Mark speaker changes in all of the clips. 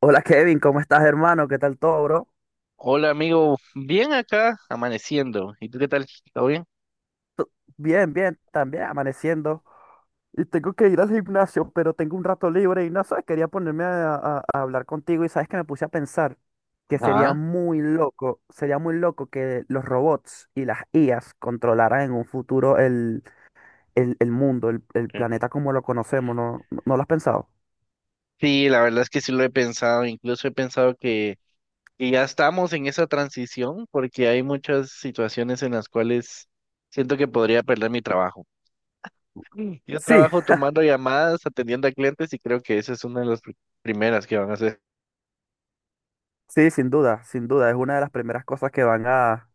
Speaker 1: Hola Kevin, ¿cómo estás hermano? ¿Qué tal todo, bro?
Speaker 2: Hola amigo, bien acá, amaneciendo. ¿Y tú qué tal? ¿Todo bien?
Speaker 1: To- Bien, bien, también amaneciendo. Y tengo que ir al gimnasio, pero tengo un rato libre y no sé, quería ponerme a hablar contigo y sabes que me puse a pensar que
Speaker 2: Ajá.
Speaker 1: sería muy loco que los robots y las IAs controlaran en un futuro el, el mundo, el
Speaker 2: Qué bueno.
Speaker 1: planeta como lo conocemos. ¿No lo has pensado?
Speaker 2: Sí, la verdad es que sí lo he pensado, incluso he pensado que ya estamos en esa transición porque hay muchas situaciones en las cuales siento que podría perder mi trabajo. Mm. Yo
Speaker 1: Sí,
Speaker 2: trabajo tomando llamadas, atendiendo a clientes y creo que esa es una de primeras que van a hacer.
Speaker 1: sí, sin duda, sin duda, es una de las primeras cosas que van a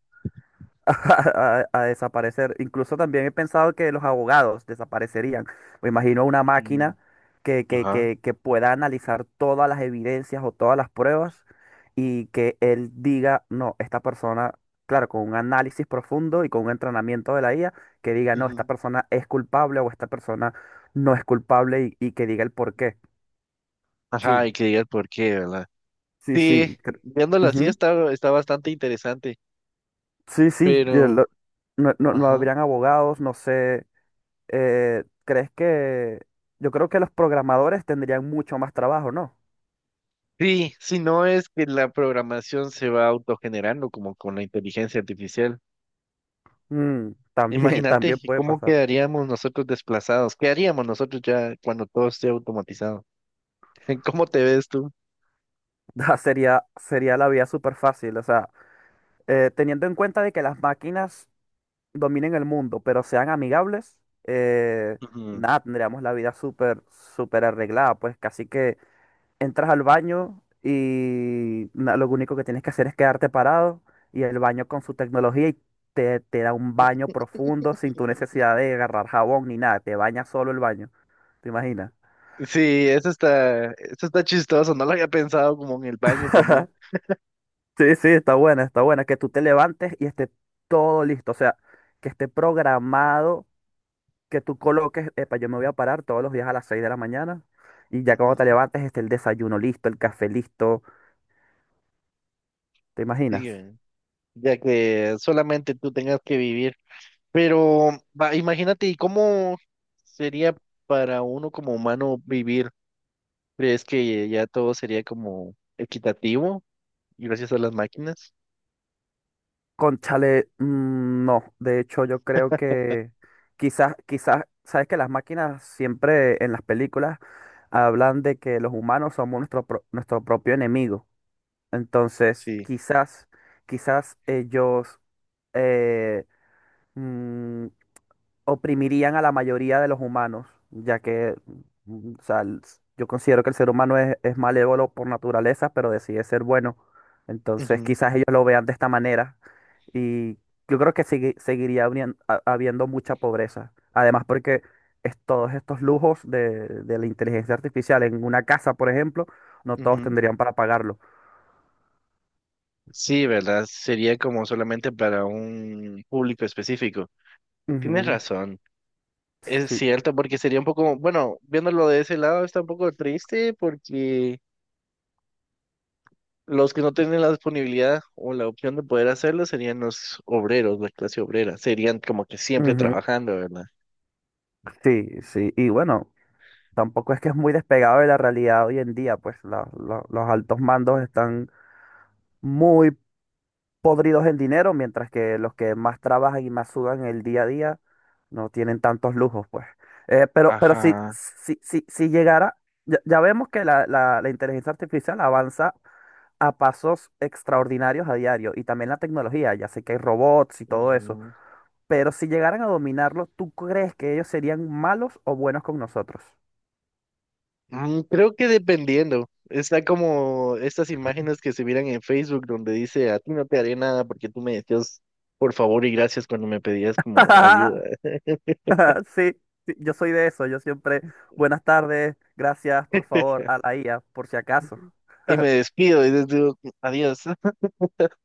Speaker 1: a, a a desaparecer. Incluso también he pensado que los abogados desaparecerían. Me imagino una máquina
Speaker 2: Mm.
Speaker 1: que, que,
Speaker 2: Ajá.
Speaker 1: que, que pueda analizar todas las evidencias o todas las pruebas y que él diga, no, esta persona, claro, con un análisis profundo y con un entrenamiento de la IA, que diga, no, esta
Speaker 2: Ujú.
Speaker 1: persona es culpable o esta persona no es culpable, y que diga el por qué.
Speaker 2: Ajá,
Speaker 1: Sí,
Speaker 2: y que digas por qué, ¿verdad?
Speaker 1: sí,
Speaker 2: Sí,
Speaker 1: sí.
Speaker 2: viéndolo así
Speaker 1: Ujú.
Speaker 2: está bastante interesante,
Speaker 1: Sí, sí. yo
Speaker 2: pero...
Speaker 1: lo- no, no, no
Speaker 2: Ajá.
Speaker 1: habrían abogados, no sé. ¿Crees que yo creo que los programadores tendrían mucho más trabajo, ¿no?
Speaker 2: Sí, si no es que la programación se va autogenerando como con la inteligencia artificial.
Speaker 1: También,
Speaker 2: Imagínate
Speaker 1: también
Speaker 2: que
Speaker 1: puede
Speaker 2: cómo
Speaker 1: pasar.
Speaker 2: quedaríamos nosotros desplazados, qué haríamos nosotros ya cuando todo esté automatizado. ¿Cómo te ves tú?
Speaker 1: Ah, sería la vía súper fácil. O sea, teniendo en cuenta de que las máquinas dominen el mundo, pero sean amigables. eh,
Speaker 2: Ujú.
Speaker 1: Nada, tendríamos la vida súper, súper arreglada. Pues casi que entras al baño y lo único que tienes que hacer es quedarte parado, y el baño con su tecnología y te da un baño profundo sin tu necesidad de agarrar jabón ni nada, te baña solo el baño. ¿Te imaginas?
Speaker 2: Sí, eso está chistoso, no lo había pensado como en el baño también.
Speaker 1: Sí, sí, está buena, que tú te levantes y esté todo listo, o sea, que esté programado, que tú coloques, epa, yo me voy a parar todos los días a las 6 de la mañana, y ya cuando te
Speaker 2: Ujú.
Speaker 1: levantes esté el desayuno listo, el café listo. ¿Te
Speaker 2: Sí,
Speaker 1: imaginas?
Speaker 2: ya que solamente tú tengas que vivir. Pero va, imagínate, ¿y cómo sería para uno como humano vivir? ¿Crees que ya todo sería como equitativo y gracias a las máquinas?
Speaker 1: Conchale, no. De hecho, yo creo que quizás, quizás, sabes que las máquinas siempre en las películas hablan de que los humanos somos nuestro propio enemigo. Entonces,
Speaker 2: Sí.
Speaker 1: quizás, quizás ellos eh, oprimirían a la mayoría de los humanos, ya que, o sea, yo considero que el ser humano es malévolo por naturaleza, pero decide ser bueno. Entonces,
Speaker 2: Ujú,
Speaker 1: quizás ellos lo vean de esta manera, y yo creo que habiendo mucha pobreza. Además, porque todos estos lujos de la inteligencia artificial en una casa, por ejemplo, no todos
Speaker 2: ujú.
Speaker 1: tendrían para pagarlo.
Speaker 2: Sí, ¿verdad? Sería como solamente para un público específico. Tienes
Speaker 1: Ujú.
Speaker 2: razón. Es
Speaker 1: Sí,
Speaker 2: cierto, porque sería un poco, bueno, viéndolo de ese lado está un poco triste porque los que no tienen la disponibilidad o la opción de poder hacerlo serían los obreros, la clase obrera. Serían como que siempre
Speaker 1: ujú,
Speaker 2: trabajando, ¿verdad?
Speaker 1: sí, sí. Y bueno, tampoco es que es muy despegado de la realidad hoy en día, pues los altos mandos están muy podridos en dinero, mientras que los que más trabajan y más sudan el día a día no tienen tantos lujos, pues. Pero si,
Speaker 2: Ajá.
Speaker 1: si, si, si llegara, ya vemos que la inteligencia artificial avanza a pasos extraordinarios a diario, y también la tecnología. Ya sé que hay robots y todo eso,
Speaker 2: Ujú.
Speaker 1: pero si llegaran a dominarlo, ¿tú crees que ellos serían malos o buenos con nosotros?
Speaker 2: Mm, creo que dependiendo. Está como estas imágenes que se miran en Facebook donde dice, a ti no te haré nada porque tú me decías por favor y gracias cuando me pedías como ayuda.
Speaker 1: Sí, sí, yo soy de eso. Yo siempre, buenas tardes, gracias, por favor, a la IA, por si acaso.
Speaker 2: Y me despido y les digo, adiós.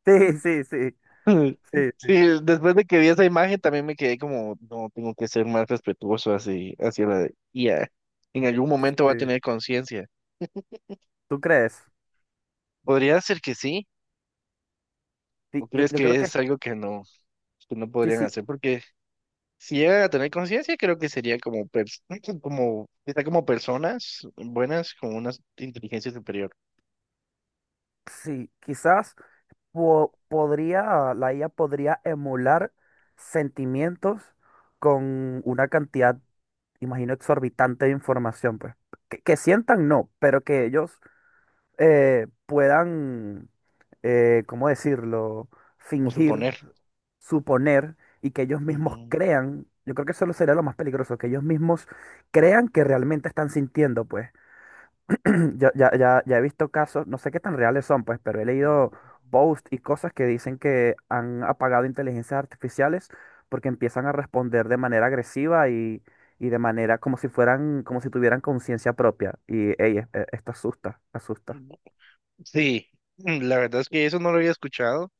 Speaker 1: Sí, sí, sí, sí,
Speaker 2: Sí, después de que vi esa imagen también me quedé como, no, tengo que ser más respetuoso así, hacia la I a. En algún momento va a
Speaker 1: sí.
Speaker 2: tener conciencia.
Speaker 1: ¿Tú crees?
Speaker 2: Podría ser que sí, o
Speaker 1: Sí, yo,
Speaker 2: crees
Speaker 1: yo
Speaker 2: que
Speaker 1: creo que
Speaker 2: es algo que no
Speaker 1: sí,
Speaker 2: podrían
Speaker 1: sí,
Speaker 2: hacer porque si llegan a tener conciencia, creo que sería como, como, está como personas buenas con una inteligencia superior,
Speaker 1: sí. Quizás la IA podría emular sentimientos con una cantidad, imagino, exorbitante de información, pues. Que sientan, no, pero que ellos puedan, ¿cómo decirlo?
Speaker 2: como
Speaker 1: Fingir,
Speaker 2: suponer.
Speaker 1: suponer, y que ellos mismos
Speaker 2: Ujú.
Speaker 1: crean. Yo creo que eso lo sería lo más peligroso, que ellos mismos crean que realmente están sintiendo, pues. Yo ya he visto casos, no sé qué tan reales son, pues, pero he leído posts y cosas que dicen que han apagado inteligencias artificiales porque empiezan a responder de manera agresiva, y de manera como si fueran, como si tuvieran conciencia propia. Y, ey, esto asusta, asusta.
Speaker 2: Sí, mm, la verdad es que eso no lo había escuchado,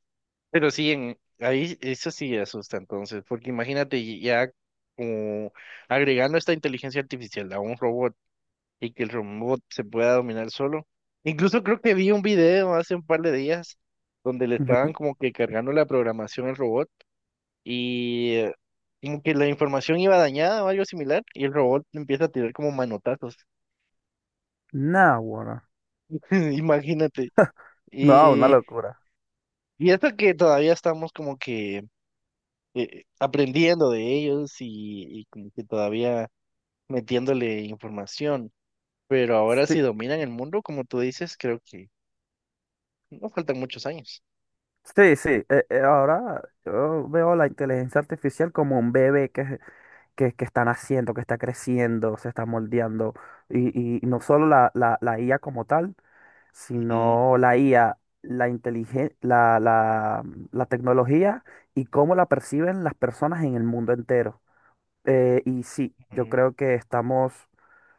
Speaker 2: pero sí, en, ahí eso sí asusta entonces, porque imagínate ya como agregando esta inteligencia artificial a un robot y que el robot se pueda dominar solo. Incluso creo que vi un video hace un par de días donde le estaban
Speaker 1: Ujú.
Speaker 2: como que cargando la programación al robot y como que la información iba dañada o algo similar y el robot le empieza a tirar como manotazos.
Speaker 1: Nah, bueno.
Speaker 2: Imagínate.
Speaker 1: No, una
Speaker 2: Y,
Speaker 1: locura.
Speaker 2: y esto que todavía estamos como que aprendiendo de ellos y como que todavía metiéndole información. Pero ahora si
Speaker 1: Sí,
Speaker 2: dominan el mundo, como tú dices, creo que no faltan muchos años.
Speaker 1: sí, sí, ahora yo veo la inteligencia artificial como un bebé que está naciendo, que está creciendo, se está moldeando. Y no solo la IA como tal,
Speaker 2: Ujú,
Speaker 1: sino la IA, la inteligen- la, mm, la tecnología, y cómo la perciben las personas en el mundo entero. Y sí, yo
Speaker 2: ujú.
Speaker 1: creo que estamos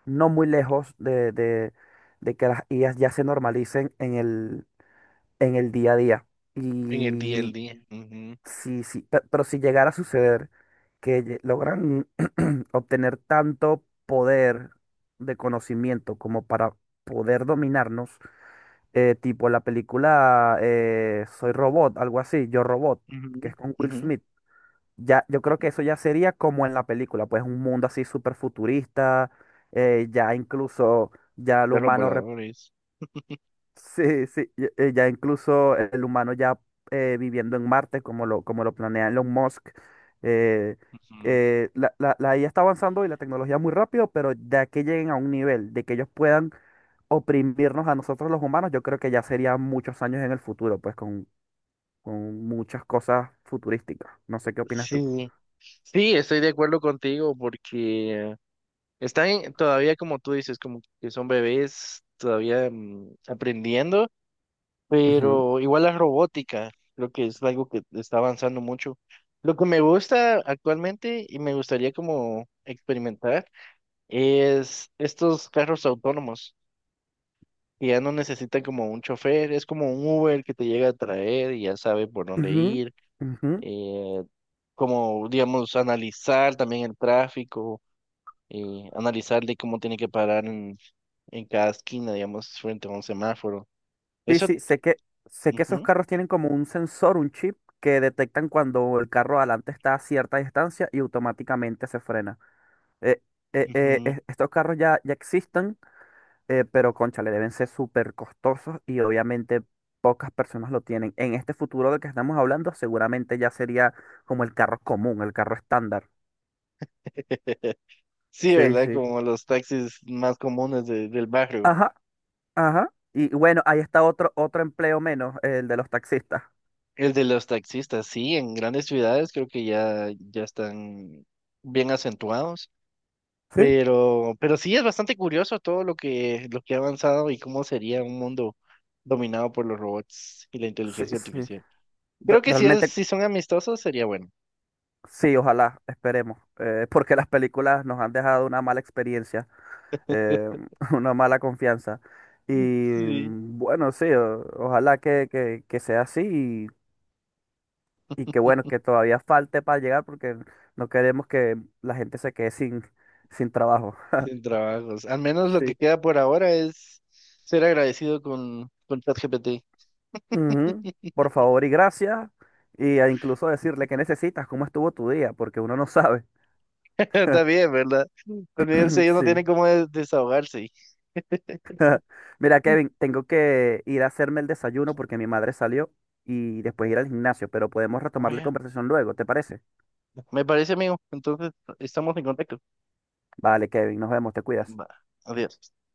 Speaker 1: no muy lejos de, de que las IAs ya se normalicen en el día a día.
Speaker 2: En el día al
Speaker 1: Y
Speaker 2: día. Ujú,
Speaker 1: Sí, sí, si llegara a suceder, que logran obtener tanto poder de conocimiento como para poder dominarnos, tipo la película, Soy Robot, algo así, Yo Robot, que
Speaker 2: ujú,
Speaker 1: es con Will
Speaker 2: ujú,
Speaker 1: Smith. Ya, yo creo
Speaker 2: ujú.
Speaker 1: que eso ya sería como en la película, pues un mundo así súper futurista. Ya incluso ya el
Speaker 2: Perros
Speaker 1: humano.
Speaker 2: voladores.
Speaker 1: Sí, sí, ya, ya incluso el humano ya viviendo en Marte, como lo planea Elon Musk. eh,
Speaker 2: Ujú.
Speaker 1: eh, la, la, la IA está avanzando y la tecnología muy rápido, pero ya que lleguen a un nivel de que ellos puedan oprimirnos a nosotros los humanos, yo creo que ya serían muchos años en el futuro, pues con muchas cosas futurísticas. No sé qué opinas tú.
Speaker 2: Sí, sí, estoy de acuerdo contigo porque todavía, como tú dices, como que son bebés todavía, mm, aprendiendo,
Speaker 1: Ujú,
Speaker 2: pero igual la robótica, creo que es algo que está avanzando mucho. Lo que me gusta actualmente y me gustaría como experimentar es estos carros autónomos que ya no necesitan como un chofer, es como un Uber que te llega a traer y ya sabe por dónde
Speaker 1: ujú,
Speaker 2: ir,
Speaker 1: ujú.
Speaker 2: eh, como digamos analizar también el tráfico, analizarle cómo tiene que parar en cada esquina, digamos, frente a un semáforo.
Speaker 1: Sí,
Speaker 2: Eso,
Speaker 1: sí, sé que esos
Speaker 2: ujú,
Speaker 1: carros tienen como un sensor, un chip, que detectan cuando el carro adelante está a cierta distancia y automáticamente se frena. Eh, eh, eh,
Speaker 2: ujú.
Speaker 1: es- estos carros ya existen. Pero cónchale, deben ser súper costosos, y obviamente pocas personas lo tienen. En este futuro del que estamos hablando, seguramente ya sería como el carro común, el carro estándar.
Speaker 2: Sí,
Speaker 1: Sí,
Speaker 2: ¿verdad?
Speaker 1: sí.
Speaker 2: Como los taxis más comunes del barrio.
Speaker 1: Ajá, ajá. Y bueno, ahí está otro empleo menos, el de los taxistas.
Speaker 2: El de los taxistas, sí, en grandes ciudades creo que ya están bien acentuados,
Speaker 1: Sí,
Speaker 2: pero sí es bastante curioso todo lo que ha avanzado y cómo sería un mundo dominado por los robots y la
Speaker 1: sí,
Speaker 2: inteligencia
Speaker 1: sí.
Speaker 2: artificial. Creo que si es,
Speaker 1: Realmente.
Speaker 2: si son amistosos sería bueno.
Speaker 1: Sí, ojalá, esperemos. Porque las películas nos han dejado una mala experiencia, eh, una mala confianza. Y
Speaker 2: Sí.
Speaker 1: bueno, sí, ojalá que sea así, y que bueno, que todavía falte para llegar, porque no queremos que la gente se quede sin trabajo.
Speaker 2: Sin trabajos. Al menos lo
Speaker 1: Sí.
Speaker 2: que queda por ahora es ser agradecido con ChatGPT.
Speaker 1: Ujú. Por favor y gracias. Y a incluso decirle qué necesitas, cómo estuvo tu día, porque uno no sabe.
Speaker 2: Está bien, ¿verdad? También ellos ellos no
Speaker 1: Sí.
Speaker 2: tienen cómo desahogarse.
Speaker 1: Mira, Kevin, tengo que ir a hacerme el desayuno porque mi madre salió, y después ir al gimnasio, pero podemos retomar la
Speaker 2: Oye,
Speaker 1: conversación luego, ¿te parece?
Speaker 2: me parece, amigo. Entonces, estamos en contacto.
Speaker 1: Vale, Kevin, nos vemos, te cuidas.
Speaker 2: Va, adiós.